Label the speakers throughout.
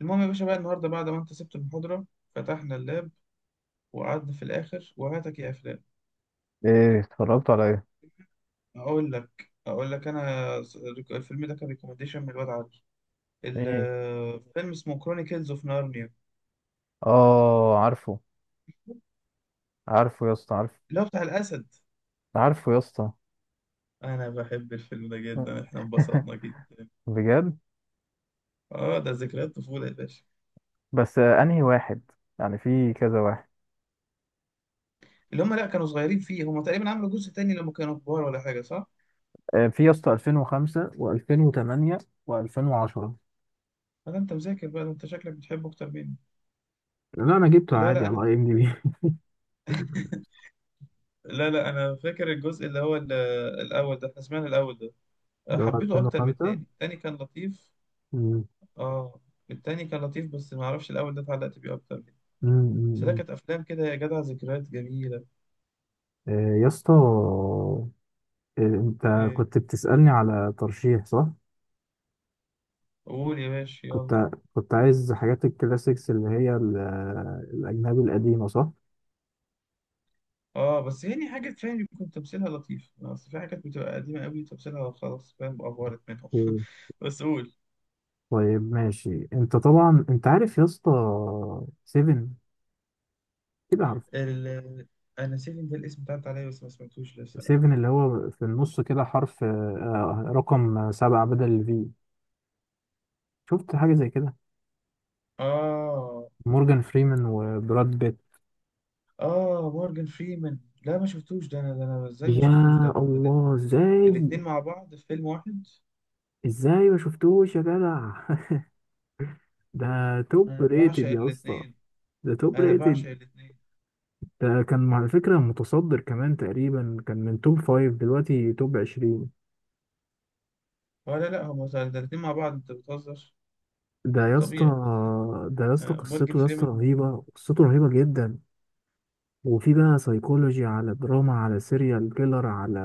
Speaker 1: المهم يا باشا بقى النهارده بعد ما انت سبت المحاضرة، فتحنا اللاب وقعدنا في الآخر وهاتك يا أفلام.
Speaker 2: ايه، اتفرجت على ايه؟
Speaker 1: أقول لك أنا الفيلم ده كان ريكومنديشن من الواد علي.
Speaker 2: ايه.
Speaker 1: الفيلم اسمه كرونيكلز اوف نارنيا،
Speaker 2: اه، عارفه. عارفه يا اسطى. عارفه.
Speaker 1: اللي هو بتاع الأسد.
Speaker 2: عارفه يا اسطى.
Speaker 1: أنا بحب الفيلم ده جدا، إحنا انبسطنا جدا.
Speaker 2: بجد.
Speaker 1: آه ده ذكريات طفولة يا باشا.
Speaker 2: بس انهي واحد؟ يعني في كذا واحد.
Speaker 1: اللي هم لأ كانوا صغيرين فيه، هم تقريبا عملوا جزء تاني لما كانوا كبار ولا حاجة صح؟
Speaker 2: آه، في يا اسطى 2005 و2008 و2010.
Speaker 1: هذا أنت مذاكر بقى، ده أنت شكلك بتحبه أكتر مني.
Speaker 2: لا، انا جبته
Speaker 1: لا
Speaker 2: عادي
Speaker 1: لا أنا
Speaker 2: على اي ام دي
Speaker 1: فاكر.
Speaker 2: بي.
Speaker 1: لا لا أنا فاكر الجزء اللي هو الأول ده، إحنا سمعنا الأول ده.
Speaker 2: اللي هو
Speaker 1: حبيته اكتر من
Speaker 2: 2005.
Speaker 1: التاني، التاني كان لطيف.
Speaker 2: مم.
Speaker 1: اه، التاني كان لطيف بس ما اعرفش الاول ده اتعلقت بيه اكتر منه.
Speaker 2: مم.
Speaker 1: بس ده
Speaker 2: مم.
Speaker 1: كانت افلام كده يا جدع، ذكريات جميله.
Speaker 2: آه، يا اسطى، انت
Speaker 1: إيه.
Speaker 2: كنت بتسألني على ترشيح صح؟
Speaker 1: قول يا باشا يلا.
Speaker 2: كنت كنت عايز حاجات الكلاسيكس اللي هي الأجنبي القديمة صح؟
Speaker 1: اه بس يعني حاجات فاهم بيكون تمثيلها لطيف، آه، اصل في حاجات بتبقى قديمه قوي تمثيلها خلاص فاهم افورت منهم. بس قول.
Speaker 2: طيب، ماشي. انت طبعا انت عارف يا اسطى 7، كده عارف.
Speaker 1: ال... انا نسيت ان ده الاسم بتاعت عليا بس ما سمعتوش لسه لا.
Speaker 2: 7 اللي هو في النص كده حرف، رقم 7 بدل الفي. شفت حاجة زي كده؟
Speaker 1: اه
Speaker 2: مورجان فريمان وبراد بيت.
Speaker 1: اه مورجان فريمان. لا ما شفتوش ده، انا ده، انا ازاي ما شفتوش
Speaker 2: يا
Speaker 1: ده؟
Speaker 2: الله، ازاي؟
Speaker 1: الاتنين مع بعض في فيلم واحد!
Speaker 2: ازاي ما شفتوش يا جدع؟ ده توب
Speaker 1: انا
Speaker 2: ريتد
Speaker 1: بعشق
Speaker 2: يا اسطى.
Speaker 1: الاثنين.
Speaker 2: ده توب
Speaker 1: انا
Speaker 2: ريتد.
Speaker 1: بعشق الاثنين.
Speaker 2: ده كان على فكرة متصدر كمان، تقريبا كان من توب فايف، دلوقتي توب 20.
Speaker 1: ولا لا، هم الاثنين مع بعض؟ انت بتهزر.
Speaker 2: ده يا اسطى
Speaker 1: طبيعي.
Speaker 2: ده يا اسطى
Speaker 1: آه، مورجان
Speaker 2: قصته يا اسطى
Speaker 1: فريمان و...
Speaker 2: رهيبة، قصته رهيبة جدا. وفي بقى سايكولوجي، على دراما، على سيريال كيلر، على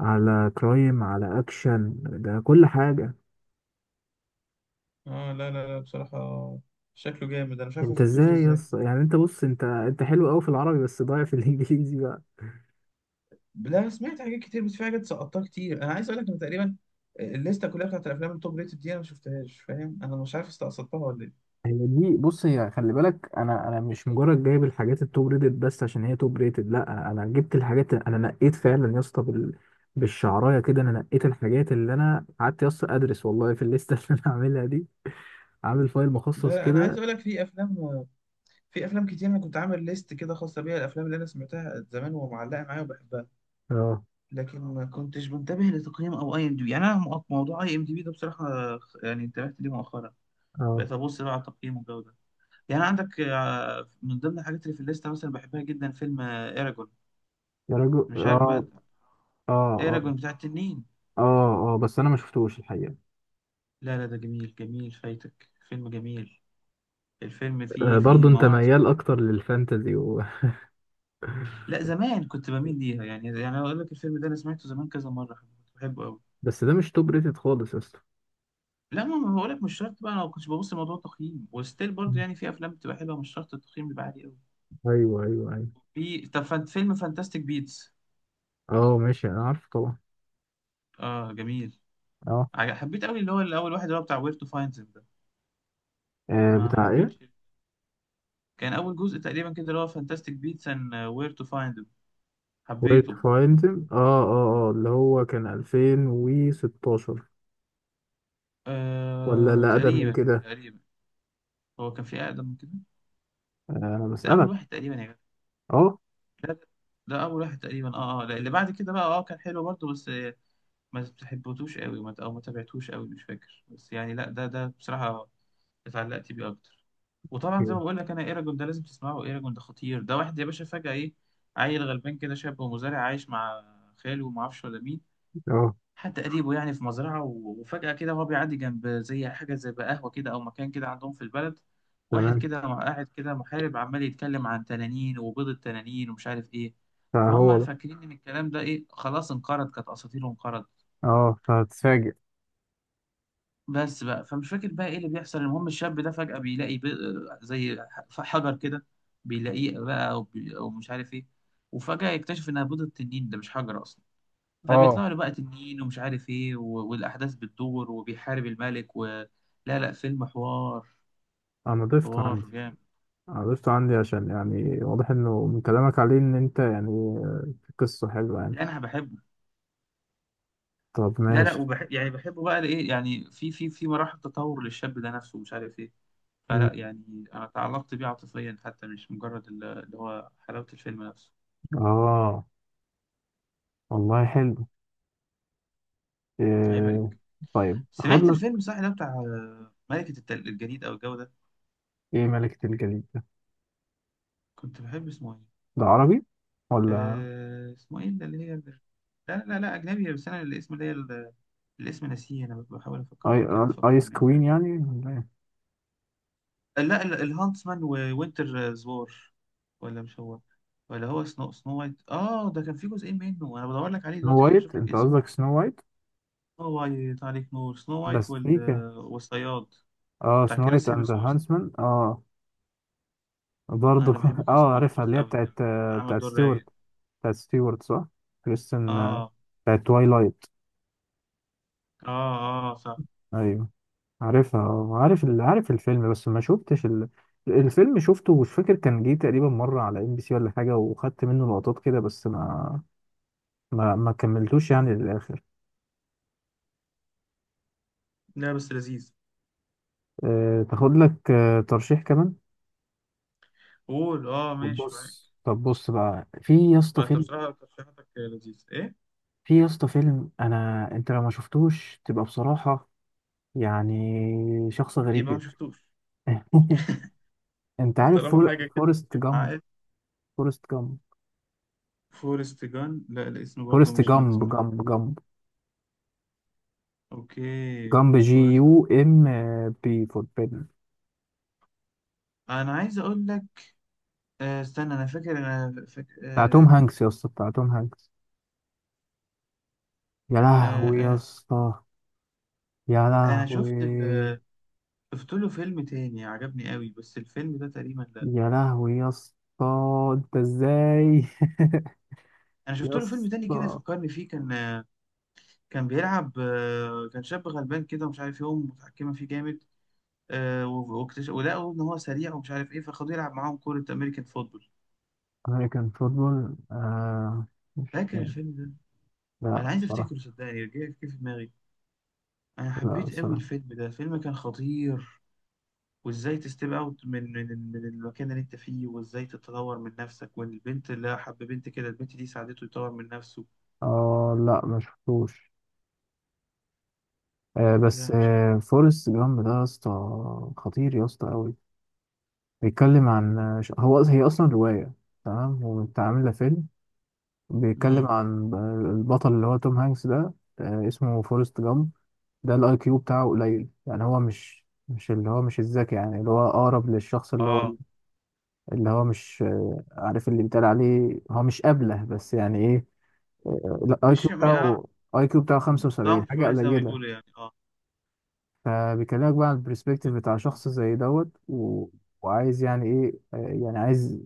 Speaker 2: على كرايم، على اكشن. ده كل حاجة.
Speaker 1: اه لا لا لا بصراحة، شكله جامد، انا مش عارف ما
Speaker 2: انت
Speaker 1: شفتوش ده
Speaker 2: ازاي يا
Speaker 1: ازاي.
Speaker 2: اسطى؟ يعني انت بص، انت حلو قوي في العربي بس ضايع في الانجليزي بقى.
Speaker 1: لا انا سمعت حاجات كتير بس في حاجات سقطتها كتير. انا عايز اقول لك ان تقريبا الليسته كلها بتاعت الافلام التوب ريتد دي انا ما شفتهاش، فاهم؟ انا مش عارف استقصدتها ولا ايه.
Speaker 2: هي دي، بص، هي خلي بالك، انا مش مجرد جايب الحاجات التوب ريتد بس عشان هي توب ريتد. لا، انا جبت الحاجات، انا نقيت فعلا يا اسطى بالشعرايه كده. انا نقيت الحاجات اللي انا قعدت يا اسطى ادرس والله في الليسته اللي انا عاملها دي. عامل فايل
Speaker 1: لا
Speaker 2: مخصص
Speaker 1: لا، انا عايز
Speaker 2: كده.
Speaker 1: اقول لك، في افلام، في افلام كتير انا كنت عامل ليست كده خاصه بيها، الافلام اللي انا سمعتها زمان ومعلقه معايا وبحبها.
Speaker 2: اه.
Speaker 1: لكن ما كنتش منتبه لتقييم او اي ام دي بي. يعني انا موضوع اي ام دي بي ده بصراحه يعني انتبهت ليه مؤخرا،
Speaker 2: اه
Speaker 1: بقيت ابص بقى على التقييم والجو ده. يعني عندك آه، من ضمن الحاجات اللي في الليسته مثلا بحبها جدا فيلم ايراجون.
Speaker 2: يا رجل.
Speaker 1: مش عارف بقى
Speaker 2: اه.
Speaker 1: انت.
Speaker 2: اه. اه.
Speaker 1: ايراجون بتاع التنين.
Speaker 2: اه. اه، بس انا ما شفتوش الحقيقة.
Speaker 1: لا لا ده جميل، جميل، فايتك فيلم جميل. الفيلم
Speaker 2: آه،
Speaker 1: فيه، فيه
Speaker 2: برضو انت
Speaker 1: مواعظ.
Speaker 2: ميال اكتر للفانتزي و.
Speaker 1: لا زمان كنت بميل ليها يعني، يعني اقول لك الفيلم ده انا سمعته زمان كذا مره كنت بحبه قوي.
Speaker 2: بس ده مش توب ريتد خالص يا اسطى.
Speaker 1: لا ما بقول لك مش شرط بقى، انا ما كنتش ببص لموضوع التقييم، وستيل برضه
Speaker 2: مم.
Speaker 1: يعني في افلام بتبقى حلوه مش شرط التقييم بيبقى عالي قوي.
Speaker 2: ايوه، ايوه، ايوه.
Speaker 1: في، طب فيلم فانتاستيك بيتس.
Speaker 2: اه، ماشي. انا عارفه طبعا.
Speaker 1: اه جميل.
Speaker 2: اه.
Speaker 1: حبيت قوي اللي هو الاول واحد اللي هو بتاع وير تو فايند ده. ما
Speaker 2: بتاع ايه؟
Speaker 1: حبيتش، كان اول جزء تقريبا كده اللي هو فانتاستيك بيتس اند وير تو فايند،
Speaker 2: وير تو
Speaker 1: حبيته.
Speaker 2: فايند. اه. اه، اه، اللي هو كان 2016. ولا
Speaker 1: آه
Speaker 2: لا، اقدم من
Speaker 1: تقريبا
Speaker 2: كده.
Speaker 1: تقريبا. هو كان في اقدم من كده.
Speaker 2: آه، انا
Speaker 1: ده اول
Speaker 2: بسألك.
Speaker 1: واحد تقريبا يا
Speaker 2: اه.
Speaker 1: جدع ده. ده اول واحد تقريبا، اه اه لا، اللي بعد كده بقى اه كان حلو برضه بس ما بتحبتوش قوي، او ما تابعتوش قوي، مش فاكر. بس يعني لا ده، ده بصراحه اتعلقت بيه اكتر. وطبعا زي ما
Speaker 2: أوكي.
Speaker 1: بقول لك انا ايراجون ده لازم تسمعه، ايراجون ده خطير. ده واحد يا باشا فجاه ايه، عيل غلبان كده، شاب ومزارع عايش مع خاله وما اعرفش ولا مين،
Speaker 2: اه،
Speaker 1: حتى قريبه، يعني في مزرعه وفجاه كده وهو بيعدي جنب زي حاجه زي بقى قهوه كده او مكان كده عندهم في البلد، واحد
Speaker 2: تمام.
Speaker 1: كده قاعد كده محارب عمال يتكلم عن تنانين وبيض التنانين ومش عارف ايه.
Speaker 2: فهو
Speaker 1: فهم
Speaker 2: ده.
Speaker 1: فاكرين ان الكلام ده ايه خلاص انقرض، كانت اساطيره انقرضت
Speaker 2: اه، فهتتفاجئ.
Speaker 1: بس بقى. فمش فاكر بقى ايه اللي بيحصل، المهم الشاب ده فجأة بيلاقي ب... زي حجر كده. بيلاقيه بقى او، بي... أو مش عارف ايه. وفجأة يكتشف انها بيضة تنين، ده مش حجر اصلا.
Speaker 2: اه،
Speaker 1: فبيطلع له بقى تنين ومش عارف ايه و... والاحداث بتدور وبيحارب الملك و... لا لا فيلم حوار،
Speaker 2: انا ضفته
Speaker 1: حوار
Speaker 2: عندي.
Speaker 1: جامد.
Speaker 2: عرفته عندي عشان يعني واضح انه من كلامك عليه ان انت يعني، في قصة حلوة يعني.
Speaker 1: لا، انا بحبه.
Speaker 2: طب،
Speaker 1: لا لا
Speaker 2: ماشي.
Speaker 1: وبح... يعني بحبه بقى لايه، يعني في في مراحل تطور للشاب ده نفسه ومش عارف ايه.
Speaker 2: مم.
Speaker 1: فلا يعني انا تعلقت بيه عاطفيا حتى، مش مجرد اللي هو حلاوة الفيلم نفسه.
Speaker 2: اه، والله حلو.
Speaker 1: هيبقى.
Speaker 2: إيه؟ طيب، اخد
Speaker 1: سمعت
Speaker 2: لك.
Speaker 1: الفيلم صح، ده بتاع آه، ملكة الجليد أو الجو ده؟
Speaker 2: ايه ملكة الجليد ده؟
Speaker 1: كنت بحب اسمه إيه؟
Speaker 2: ده عربي ولا؟
Speaker 1: آه، اسمه إيه اللي اللي هي لا، لا لا لا، أجنبي بس أنا الاسم، اللي هي الاسم ناسيه. أنا بحاول
Speaker 2: اي،
Speaker 1: أفكرك كده
Speaker 2: ايس
Speaker 1: تفكرني أو
Speaker 2: كوين
Speaker 1: حاجة.
Speaker 2: يعني ولا إيه؟
Speaker 1: لا الهانتسمان ووينتر آه، زوار. ولا مش هو، ولا هو سنو، سنو وايت آه، ده كان في جزئين منه. أنا بدور لك عليه
Speaker 2: سنو
Speaker 1: دلوقتي عشان
Speaker 2: وايت؟
Speaker 1: أشوف لك
Speaker 2: انت
Speaker 1: اسمه.
Speaker 2: قصدك سنو وايت؟
Speaker 1: سنو وايت عليك نور، سنو وايت
Speaker 2: بس في
Speaker 1: آه، والصياد.
Speaker 2: اه،
Speaker 1: بتاع
Speaker 2: سنو وايت
Speaker 1: كريس
Speaker 2: اند
Speaker 1: هيمسورث.
Speaker 2: هانسمان. اه. برضه.
Speaker 1: أنا بحب كريس
Speaker 2: اه، عارفها
Speaker 1: هيمسورث
Speaker 2: اللي هي
Speaker 1: أوي. كان
Speaker 2: بتاعت.
Speaker 1: كان عامل
Speaker 2: بتاعت
Speaker 1: دور
Speaker 2: ستيوارت.
Speaker 1: رايق.
Speaker 2: بتاعت ستيوارت صح؟ كريستن،
Speaker 1: آه.
Speaker 2: بتاعت توايلايت.
Speaker 1: اه اه صح.
Speaker 2: ايوه. عارفها، عارف عارف الفيلم بس ما شفتش ال. الفيلم شفته، مش فاكر، كان جه تقريبا مرة على ام بي سي ولا حاجة، وخدت منه لقطات كده بس ما كملتوش يعني للآخر.
Speaker 1: لا بس لذيذ.
Speaker 2: تاخد لك ترشيح كمان.
Speaker 1: قول اه
Speaker 2: طب
Speaker 1: ماشي معاك.
Speaker 2: بص، بقى في يا اسطى
Speaker 1: آه، انت
Speaker 2: فيلم.
Speaker 1: بصراحة ترشيحاتك لذيذ ايه.
Speaker 2: في يا اسطى فيلم انا انت لو ما شفتوش تبقى بصراحة يعني شخص غريب
Speaker 1: يبقى ما
Speaker 2: جدا.
Speaker 1: شفتوش.
Speaker 2: انت
Speaker 1: ما
Speaker 2: عارف
Speaker 1: طالما حاجة كده
Speaker 2: فورست
Speaker 1: خفيف
Speaker 2: جامب.
Speaker 1: معايا.
Speaker 2: فورست جامب.
Speaker 1: فورست جان، لا الاسم برضه
Speaker 2: فورست
Speaker 1: مش من
Speaker 2: جامب،
Speaker 1: الاسم.
Speaker 2: جامب، جامب.
Speaker 1: اوكي.
Speaker 2: جامب جي
Speaker 1: فورست
Speaker 2: يو
Speaker 1: جان.
Speaker 2: ام بي فور بيدن.
Speaker 1: انا عايز اقول لك، آه استنى، انا فاكر
Speaker 2: بتاع توم
Speaker 1: آه
Speaker 2: هانكس يا اسطى، بتاع توم هانكس. يا
Speaker 1: آه
Speaker 2: لهوي يا
Speaker 1: آه.
Speaker 2: اسطى. يا
Speaker 1: انا شفت ال...
Speaker 2: لهوي.
Speaker 1: شفت له فيلم تاني عجبني قوي بس الفيلم ده تقريبا لا.
Speaker 2: يا لهوي يا اسطى. انت ازاي؟
Speaker 1: انا
Speaker 2: يا
Speaker 1: شفت له فيلم تاني كده
Speaker 2: اسطى.
Speaker 1: فكرني فيه، كان آه، كان بيلعب آه، كان شاب غلبان كده ومش عارف يقوم متحكمة فيه جامد. آه، ولقوا ان هو سريع ومش عارف ايه، فخدوه يلعب معاهم كوره امريكان فوتبول.
Speaker 2: امريكان فوتبول، آه. مش
Speaker 1: فاكر الفيلم ده؟
Speaker 2: لا
Speaker 1: انا عايز
Speaker 2: بصراحة.
Speaker 1: افتكره، صدقني رجع كيف في دماغي. انا
Speaker 2: لا
Speaker 1: حبيت قوي
Speaker 2: بصراحة.
Speaker 1: الفيلم ده، الفيلم كان خطير. وازاي تستيب اوت من من المكان اللي انت فيه وازاي تتطور من نفسك. والبنت اللي حب بنت كده، البنت دي ساعدته يطور من نفسه.
Speaker 2: اه، لا ما شفتوش. آه، بس
Speaker 1: لا مش عارف.
Speaker 2: فورست جامب ده يا اسطى. خطير يا اسطى قوي. بيتكلم عن هي اصلا رواية. تمام، ومتعاملة فيلم. بيتكلم
Speaker 1: امم
Speaker 2: عن البطل اللي هو توم هانكس ده، اسمه فورست جامب. ده الاي كيو بتاعه قليل، يعني هو مش اللي هو مش الذكي. يعني اللي هو اقرب للشخص اللي هو.
Speaker 1: اه
Speaker 2: اللي هو مش عارف اللي بيتقال عليه هو مش ابله، بس يعني ايه. الاي كيو
Speaker 1: مش م- آه.
Speaker 2: بتاعه. اي كيو بتاعه
Speaker 1: ضم
Speaker 2: 75، حاجه
Speaker 1: شويه زي ما
Speaker 2: قليله.
Speaker 1: بيقولوا يعني، اه
Speaker 2: فبيكلمك بقى عن البرسبكتيف بتاع
Speaker 1: اه
Speaker 2: شخص زي دوت و. وعايز يعني ايه، يعني عايز،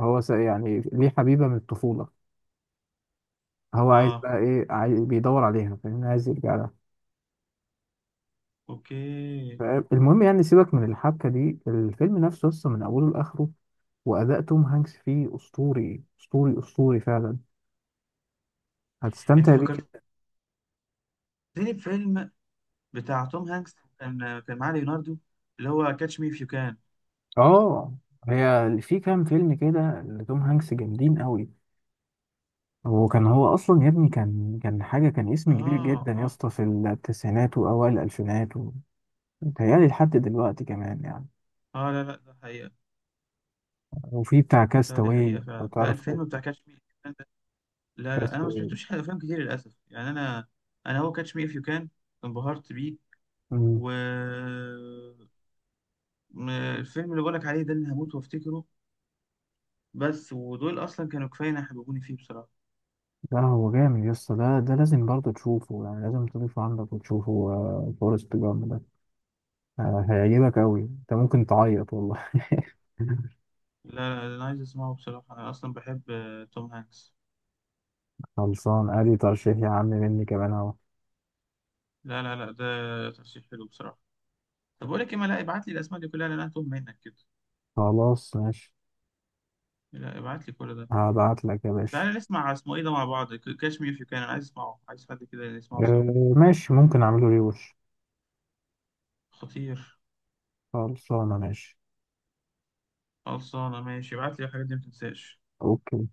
Speaker 2: هو يعني ليه حبيبه من الطفوله. هو عايز
Speaker 1: اه
Speaker 2: بقى ايه؟ عايز بيدور عليها، فاهم؟ عايز يرجع لها.
Speaker 1: اوكي.
Speaker 2: فاهم؟ المهم يعني، سيبك من الحبكة دي، الفيلم نفسه لسه من أوله لآخره. وأداء توم هانكس فيه أسطوري، أسطوري، أسطوري فعلا.
Speaker 1: انت
Speaker 2: هتستمتع بيه
Speaker 1: فكرتني
Speaker 2: جدا.
Speaker 1: بفيلم بتاع توم هانكس، كان كان معاه ليوناردو، اللي هو كاتش مي اف يو كان.
Speaker 2: آه، هي في كام فيلم كده لتوم هانكس جامدين قوي. وكان هو أصلا يا ابني، كان حاجة، كان اسم كبير
Speaker 1: اه
Speaker 2: جدا يا
Speaker 1: اه
Speaker 2: اسطى في التسعينات وأوائل الألفينات متهيألي لحد دلوقتي كمان يعني.
Speaker 1: اه. لا لا ده حقيقة.
Speaker 2: وفي بتاع
Speaker 1: لا دي
Speaker 2: كاستاوي
Speaker 1: حقيقة
Speaker 2: لو
Speaker 1: فعلا. لا
Speaker 2: تعرف.
Speaker 1: الفيلم بتاع كاتش مي اف يو كان ده، لا لا انا ما
Speaker 2: كاستاوي.
Speaker 1: سمعتوش حاجة، افلام كتير للاسف يعني انا، انا هو كاتش مي اف يو كان انبهرت بيه. و الفيلم اللي بقولك عليه ده اللي هموت وافتكره. بس ودول اصلا كانوا كفايه إن يحببوني فيه بصراحة.
Speaker 2: لا، هو جامد يا اسطى، ده لازم برضه تشوفه، يعني لازم تضيفه عندك وتشوفه، فورست جامب ده. آه، هيعجبك قوي، انت ممكن تعيط والله.
Speaker 1: لا لا انا عايز اسمعه بصراحة، انا اصلا بحب آه، توم هانكس.
Speaker 2: خلصان، ادي ترشيح يا عم مني كمان اهو.
Speaker 1: لا لا لا ده ترشيح حلو بصراحة. طب بقول لك ايه، ما لا ابعت لي الاسماء دي كلها لأن انا هتوه منك كده.
Speaker 2: خلاص، ماشي.
Speaker 1: لا ابعت لي كل ده.
Speaker 2: هبعت لك يا باشا.
Speaker 1: تعالى نسمع اسمه ايه ده مع بعض، كاش مي في كان، انا عايز اسمعه، عايز حد كده نسمعه سوا.
Speaker 2: آه، ماشي. ممكن اعمله ريوش.
Speaker 1: خطير.
Speaker 2: خلصانه ماشي.
Speaker 1: خلصانه ماشي، ابعت لي الحاجات دي ما تنساش.
Speaker 2: اوكي.